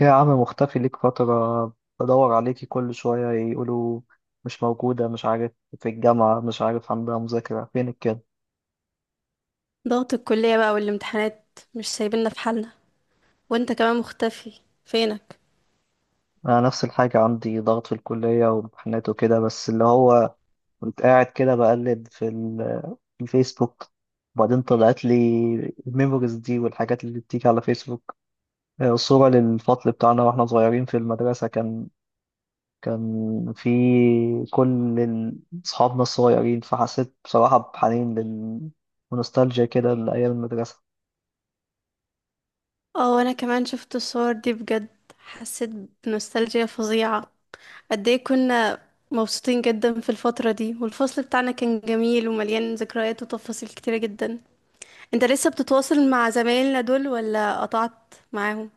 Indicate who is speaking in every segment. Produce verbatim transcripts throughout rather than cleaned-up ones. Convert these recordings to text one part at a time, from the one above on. Speaker 1: يا عم، مختفي ليك فترة. بدور عليكي كل شوية يقولوا مش موجودة، مش عارف، في الجامعة، مش عارف عندها مذاكرة، فينك كده؟
Speaker 2: ضغط الكلية بقى والامتحانات، مش سايبيننا في حالنا. وانت كمان مختفي، فينك؟
Speaker 1: أنا نفس الحاجة، عندي ضغط في الكلية وامتحانات وكده، بس اللي هو كنت قاعد كده بقلب في ال- في الفيسبوك، وبعدين طلعت لي الميموريز دي والحاجات اللي بتيجي على فيسبوك. آه، صورة للفصل بتاعنا واحنا صغيرين في المدرسة، كان كان في كل ال- أصحابنا الصغيرين. فحسيت بصراحة بحنين لل... ونوستالجيا كده لأيام المدرسة.
Speaker 2: اه وانا كمان شفت الصور دي، بجد حسيت بنوستالجيا فظيعة. قد ايه كنا مبسوطين جدا في الفترة دي، والفصل بتاعنا كان جميل ومليان ذكريات وتفاصيل كتيرة جدا. انت لسه بتتواصل مع زمايلنا دول ولا قطعت معاهم؟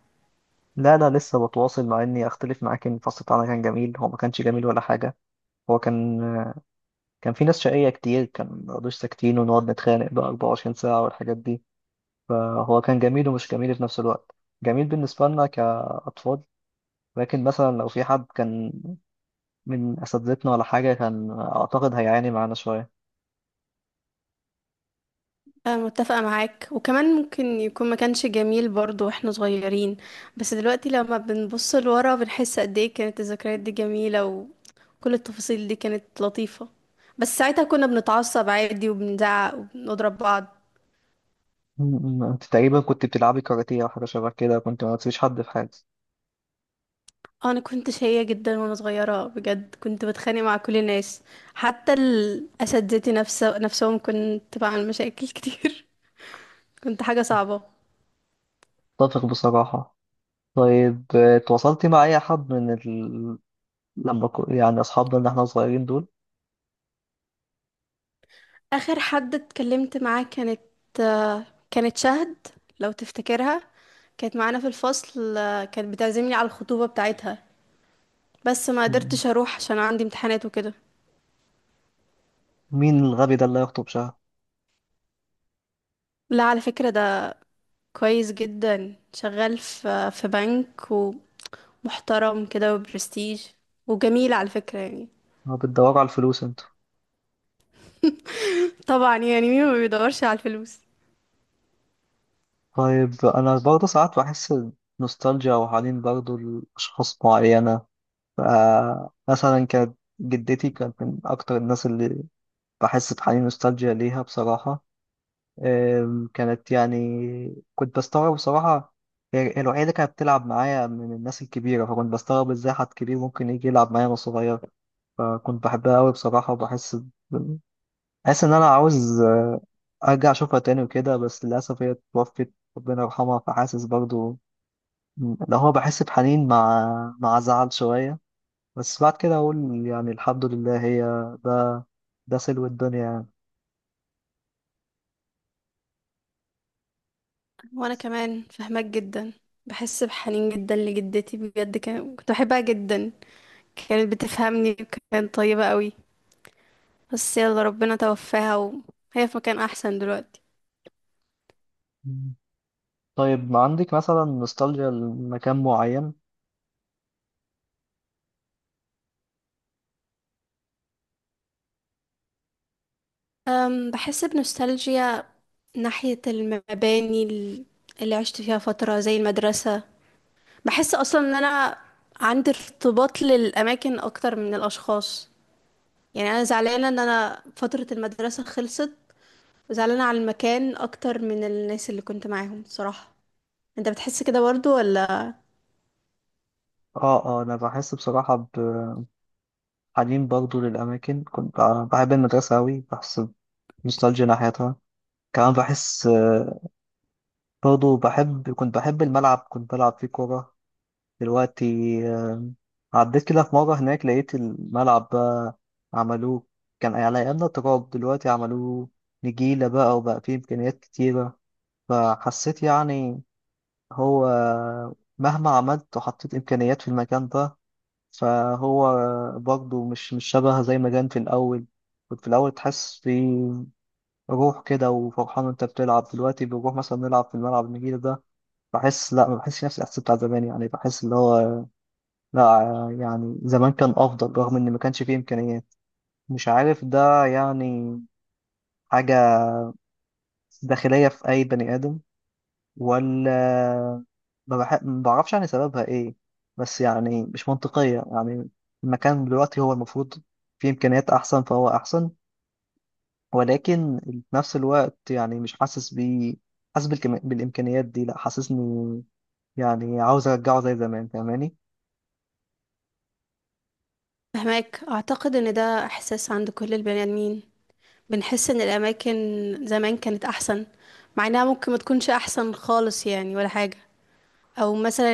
Speaker 1: لا، لا، لسه بتواصل مع، إني أختلف معاك إن الفصل بتاعنا كان جميل، هو ما كانش جميل ولا حاجة. هو كان كان في ناس شقية كتير، كان مبيقعدوش ساكتين ونقعد نتخانق بقى 24 ساعة والحاجات دي، فهو كان جميل ومش جميل في نفس الوقت. جميل بالنسبة لنا كأطفال، لكن مثلا لو في حد كان من أساتذتنا ولا حاجة، كان أعتقد هيعاني معانا شوية.
Speaker 2: أنا متفقة معاك، وكمان ممكن يكون ما كانش جميل برضو واحنا صغيرين، بس دلوقتي لما بنبص لورا بنحس قد ايه كانت الذكريات دي جميلة وكل التفاصيل دي كانت لطيفة. بس ساعتها كنا بنتعصب عادي وبنزعق وبنضرب بعض.
Speaker 1: م- م. انت تقريبا كنت بتلعبي كاراتيه او حاجه شبه كده، كنت ما تسيبيش حد في حاجه.
Speaker 2: آه، انا كنت شقية جدا وانا صغيرة، بجد كنت بتخانق مع كل الناس، حتى الاساتذتي نفسه نفسهم كنت بعمل مشاكل كتير. كنت حاجة صعبة.
Speaker 1: اتفق بصراحه. طيب، آه، اتواصلتي مع اي حد من ال... لما كو... يعني اصحابنا اللي احنا صغيرين دول؟
Speaker 2: آخر حد اتكلمت معاه كانت، آه، كانت شهد، لو تفتكرها، كانت معانا في الفصل. آه، كانت بتعزمني على الخطوبة بتاعتها، بس ما
Speaker 1: م.
Speaker 2: قدرتش أروح عشان عندي امتحانات وكده.
Speaker 1: مين الغبي ده اللي هيخطب شهر؟
Speaker 2: لا، على فكرة ده كويس جدا، شغال في في بنك، ومحترم كده وبرستيج، وجميل على فكرة يعني.
Speaker 1: ما بتدوروا على الفلوس انتوا؟
Speaker 2: طبعا، يعني مين ما بيدورش على الفلوس؟
Speaker 1: طيب، انا برضه ساعات بحس نوستالجيا وحنين برضه لاشخاص معينه. ف- مثلا كانت جدتي، كانت من اكتر الناس اللي بحس بحنين نوستالجيا ليها بصراحه. أم، كانت يعني، كنت بستغرب بصراحة، هي الوحيدة اللي كانت بتلعب معايا من الناس الكبيرة، فكنت بستغرب ازاي حد كبير ممكن يجي يلعب معايا وانا صغير. فكنت بحبها أوي بصراحة، وبحس ب- حاسس إن أنا عاوز أرجع أشوفها تاني وكده، بس للأسف هي اتوفت ربنا يرحمها. فحاسس برضو اللي هو بحس بحنين مع مع زعل شوية، بس بعد كده أقول يعني الحمد لله. هي ده ده سلو الدنيا يعني.
Speaker 2: وأنا كمان فهمك جدا، بحس بحنين جدا لجدتي، بجد كان- كنت بحبها جدا، كانت بتفهمني وكانت طيبة قوي. بس يلا، ربنا توفاها وهي في مكان أحسن دلوقتي.
Speaker 1: طيب، ما عندك مثلا نوستالجيا لمكان معين؟
Speaker 2: أم بحس بنوستالجيا ناحية المباني ال- اللي عشت فيها فترة زي المدرسة. بحس أصلا إن أنا عندي ارتباط للأماكن أكتر من الأشخاص، يعني أنا زعلانة إن أنا فترة المدرسة خلصت، وزعلانة على المكان أكتر من الناس اللي كنت معاهم صراحة. أنت بتحس كده برضو ولا؟
Speaker 1: اه، اه، انا بحس بصراحة بحنين برضو للأماكن، كنت ب- بحب المدرسة أوي، بحس بنوستالجيا ناحيتها. كمان بحس، آه، برضو بحب كنت بحب الملعب، كنت بلعب فيه كورة. دلوقتي آه، عديت كده في مرة هناك، لقيت الملعب بقى عملوه، كان يعني على أيامنا تراب، دلوقتي عملوه نجيلة بقى وبقى فيه إمكانيات كتيرة. فحسيت يعني، هو مهما عملت وحطيت إمكانيات في المكان ده، فهو برضه مش مش شبه زي ما كان في الأول. كنت في الأول تحس في روح كده وفرحان وأنت بتلعب، دلوقتي بنروح مثلا نلعب في الملعب النجيل ده، بحس لا، ما بحسش نفس الإحساس بتاع زمان. يعني بحس اللي هو لا، يعني زمان كان أفضل رغم إن ما كانش فيه إمكانيات. مش عارف ده يعني حاجة داخلية في أي بني آدم، ولا ما بح... ما بعرفش يعني سببها ايه. بس يعني مش منطقية يعني، المكان دلوقتي هو المفروض فيه إمكانيات أحسن فهو أحسن، ولكن في نفس الوقت يعني مش حاسس بيه. حاسس بالكم... بالإمكانيات دي، لا حاسسني، يعني عاوز أرجعه زي زمان، فاهماني؟
Speaker 2: فهماك. أعتقد إن ده إحساس عند كل البني آدمين، بنحس ان الاماكن زمان كانت احسن، مع انها ممكن ما تكونش احسن خالص يعني ولا حاجة. او مثلا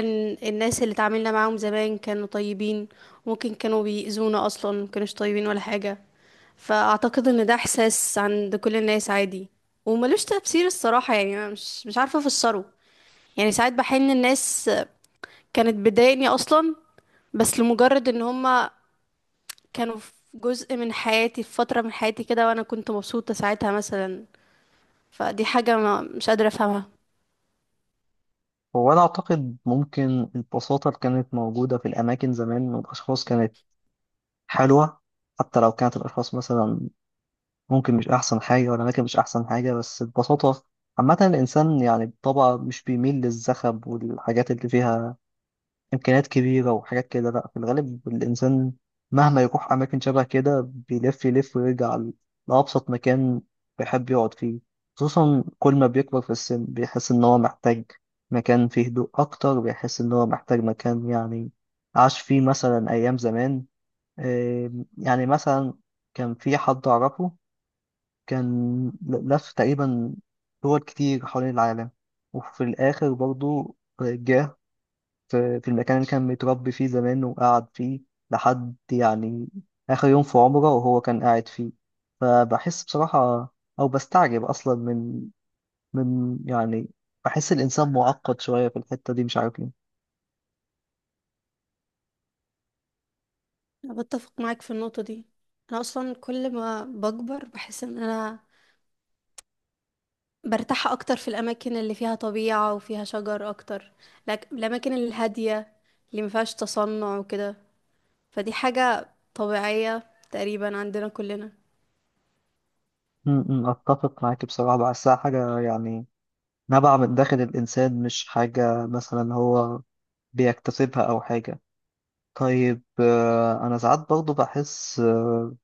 Speaker 2: الناس اللي اتعاملنا معاهم زمان كانوا طيبين، ممكن كانوا بيأذونا اصلا، ما كانوش طيبين ولا حاجة. فاعتقد ان ده احساس عند كل الناس عادي، وملوش تفسير الصراحة، يعني انا مش مش عارفة افسره. يعني ساعات بحس ان الناس كانت بتضايقني اصلا، بس لمجرد ان هما كانوا في جزء من حياتي، في فترة من حياتي كده وانا كنت مبسوطة ساعتها مثلا. فدي حاجة ما مش قادرة أفهمها.
Speaker 1: هو أنا أعتقد ممكن البساطة اللي كانت موجودة في الأماكن زمان، والأشخاص كانت حلوة. حتى لو كانت الأشخاص مثلا ممكن مش أحسن حاجة والأماكن مش أحسن حاجة، بس ببساطة، عامة الإنسان يعني بطبعه مش بيميل للزخب والحاجات اللي فيها إمكانيات كبيرة وحاجات كده. لأ، في الغالب الإنسان مهما يروح أماكن شبه كده، بيلف يلف ويرجع ل- لأبسط مكان بيحب يقعد فيه. خصوصا كل ما بيكبر في السن، بيحس إن هو محتاج مكان فيه هدوء أكتر، بيحس إن هو محتاج مكان يعني عاش فيه مثلا أيام زمان. إيه، يعني مثلا كان في حد أعرفه، كان لف تقريبا دول كتير حوالين العالم، وفي الآخر برضو جه في في المكان اللي كان متربي فيه زمان وقعد فيه لحد يعني آخر يوم في عمره وهو كان قاعد فيه. فبحس بصراحة، أو بستعجب أصلا من من يعني، بحس الإنسان معقد شوية في الحتة دي، مش عارف ليه.
Speaker 2: أنا بتفق معاك في النقطة دي، أنا أصلا كل ما بكبر بحس إن أنا برتاح أكتر في الأماكن اللي فيها طبيعة وفيها شجر أكتر، لكن الأماكن الهادية اللي مفيهاش تصنع وكده. فدي حاجة طبيعية تقريبا عندنا كلنا.
Speaker 1: م- م، أتفق معاك بصراحة، بحسها حاجة يعني نبع من داخل الإنسان، مش حاجة مثلا هو بيكتسبها أو حاجة. طيب، آه، أنا ساعات برضه بحس آه،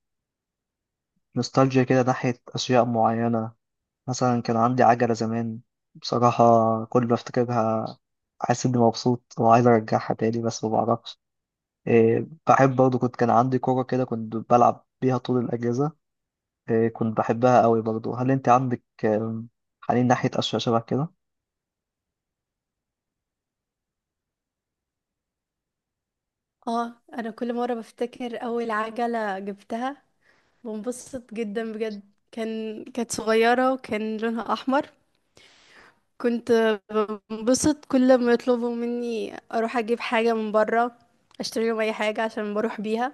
Speaker 1: نوستالجيا كده ناحية أشياء معينة. مثلا كان عندي عجلة زمان، بصراحة كل ما أفتكرها حاسس إني مبسوط وعايز أرجعها تاني بس ما بعرفش. آه، بحب برضه، كنت كان عندي كورة كده كنت بلعب بيها طول الأجازة، آه، كنت بحبها قوي برضه. هل أنت عندك آه، حنين ناحية أشياء شبه كده؟
Speaker 2: اه أنا كل مرة بفتكر أول عجلة جبتها بنبسط جدا، بجد كان كانت صغيرة وكان لونها أحمر. كنت بنبسط كل ما يطلبوا مني اروح اجيب حاجه من بره، اشتري لهم اي حاجه عشان بروح بيها.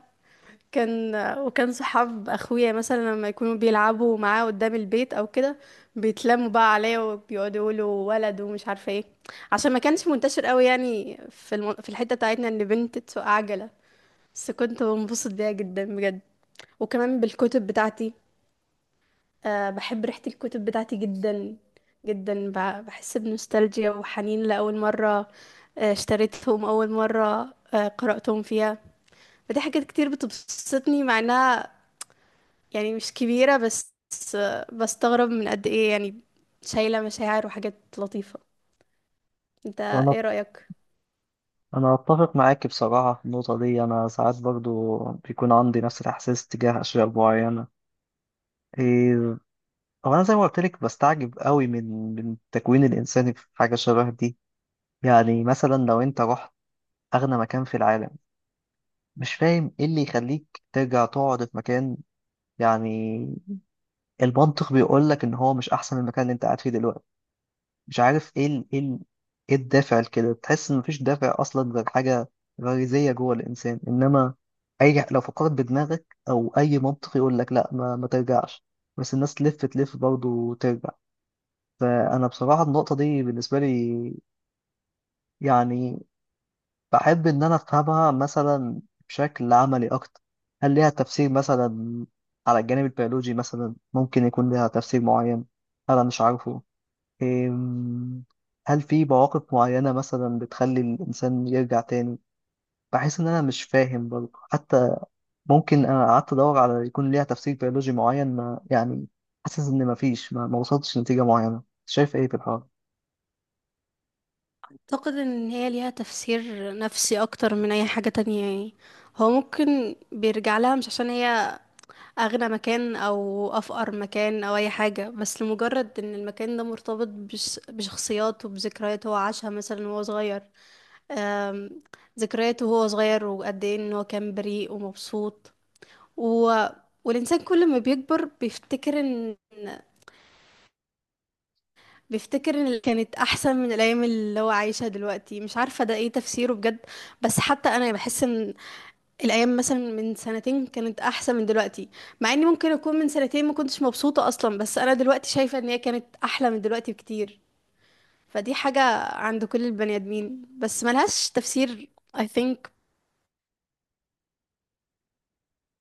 Speaker 2: كان وكان صحاب اخويا مثلا لما يكونوا بيلعبوا معاه قدام البيت او كده، بيتلموا بقى عليا وبيقعدوا يقولوا ولد ومش عارفه ايه، عشان ما كانش منتشر قوي يعني في الم... في الحته بتاعتنا ان بنت تسوق عجله. بس كنت بنبسط بيها جدا بجد. وكمان بالكتب بتاعتي، أه بحب ريحة الكتب بتاعتي جدا جدا، ب- بحس بنوستالجيا وحنين لأول مرة آه، اشتريتهم، أول مرة آه، قرأتهم فيها. فدي حاجات كتير بتبسطني مع إنها يعني مش كبيرة، بس آه، بستغرب من قد إيه يعني شايلة مشاعر وحاجات لطيفة. انت
Speaker 1: وأنا
Speaker 2: ايه رأيك؟
Speaker 1: أنا أتفق معاك بصراحة في النقطة دي. أنا ساعات برضه بيكون عندي نفس الإحساس تجاه أشياء معينة. هو انا زي ما قلت لك بستعجب قوي من من التكوين الانساني في حاجه شبه دي. يعني مثلا لو انت رحت اغنى مكان في العالم، مش فاهم ايه اللي يخليك ترجع تقعد في مكان، يعني المنطق بيقول لك ان هو مش احسن من المكان اللي انت قاعد فيه دلوقتي. مش عارف ايه ال... ايه ال... ايه الدافع لكده، تحس ان مفيش دافع اصلا غير حاجه غريزيه جوه الانسان. انما اي لو فكرت بدماغك او اي منطق يقول لك لا، ما, ما ترجعش، بس الناس تلف تلف برضه ترجع. فأنا بصراحة النقطة دي بالنسبة لي يعني بحب إن أنا أفهمها مثلا بشكل عملي أكتر. هل ليها تفسير مثلا على الجانب البيولوجي؟ مثلا ممكن يكون ليها تفسير معين أنا مش عارفه. أم، هل في مواقف معينة مثلا بتخلي الإنسان يرجع تاني؟ بحس إن أنا مش فاهم برضه حتى، ممكن أنا قعدت أدور على يكون ليها تفسير بيولوجي معين، ما يعني حاسس إن مفيش، ما ما وصلتش لنتيجة معينة. شايف إيه في الحوار؟
Speaker 2: اعتقد ان هي ليها تفسير نفسي اكتر من اي حاجة تانية يعني. هو ممكن بيرجع لها مش عشان هي اغنى مكان او افقر مكان او اي حاجة، بس لمجرد ان المكان ده مرتبط بش بشخصيات وبذكريات هو عاشها مثلا وهو صغير. أم، ذكرياته وهو صغير وقد ايه ان هو كان بريء ومبسوط و... والانسان كل ما بيكبر بيفتكر ان بيفتكر اللي كانت احسن من الايام اللي هو عايشها دلوقتي، مش عارفه ده ايه تفسيره بجد. بس حتى انا بحس ان الايام مثلا من سنتين كانت احسن من دلوقتي، مع اني ممكن اكون من سنتين ما كنتش مبسوطه اصلا، بس انا دلوقتي شايفه ان هي كانت احلى من دلوقتي بكتير. فدي حاجه عند كل البني ادمين بس ملهاش تفسير. I think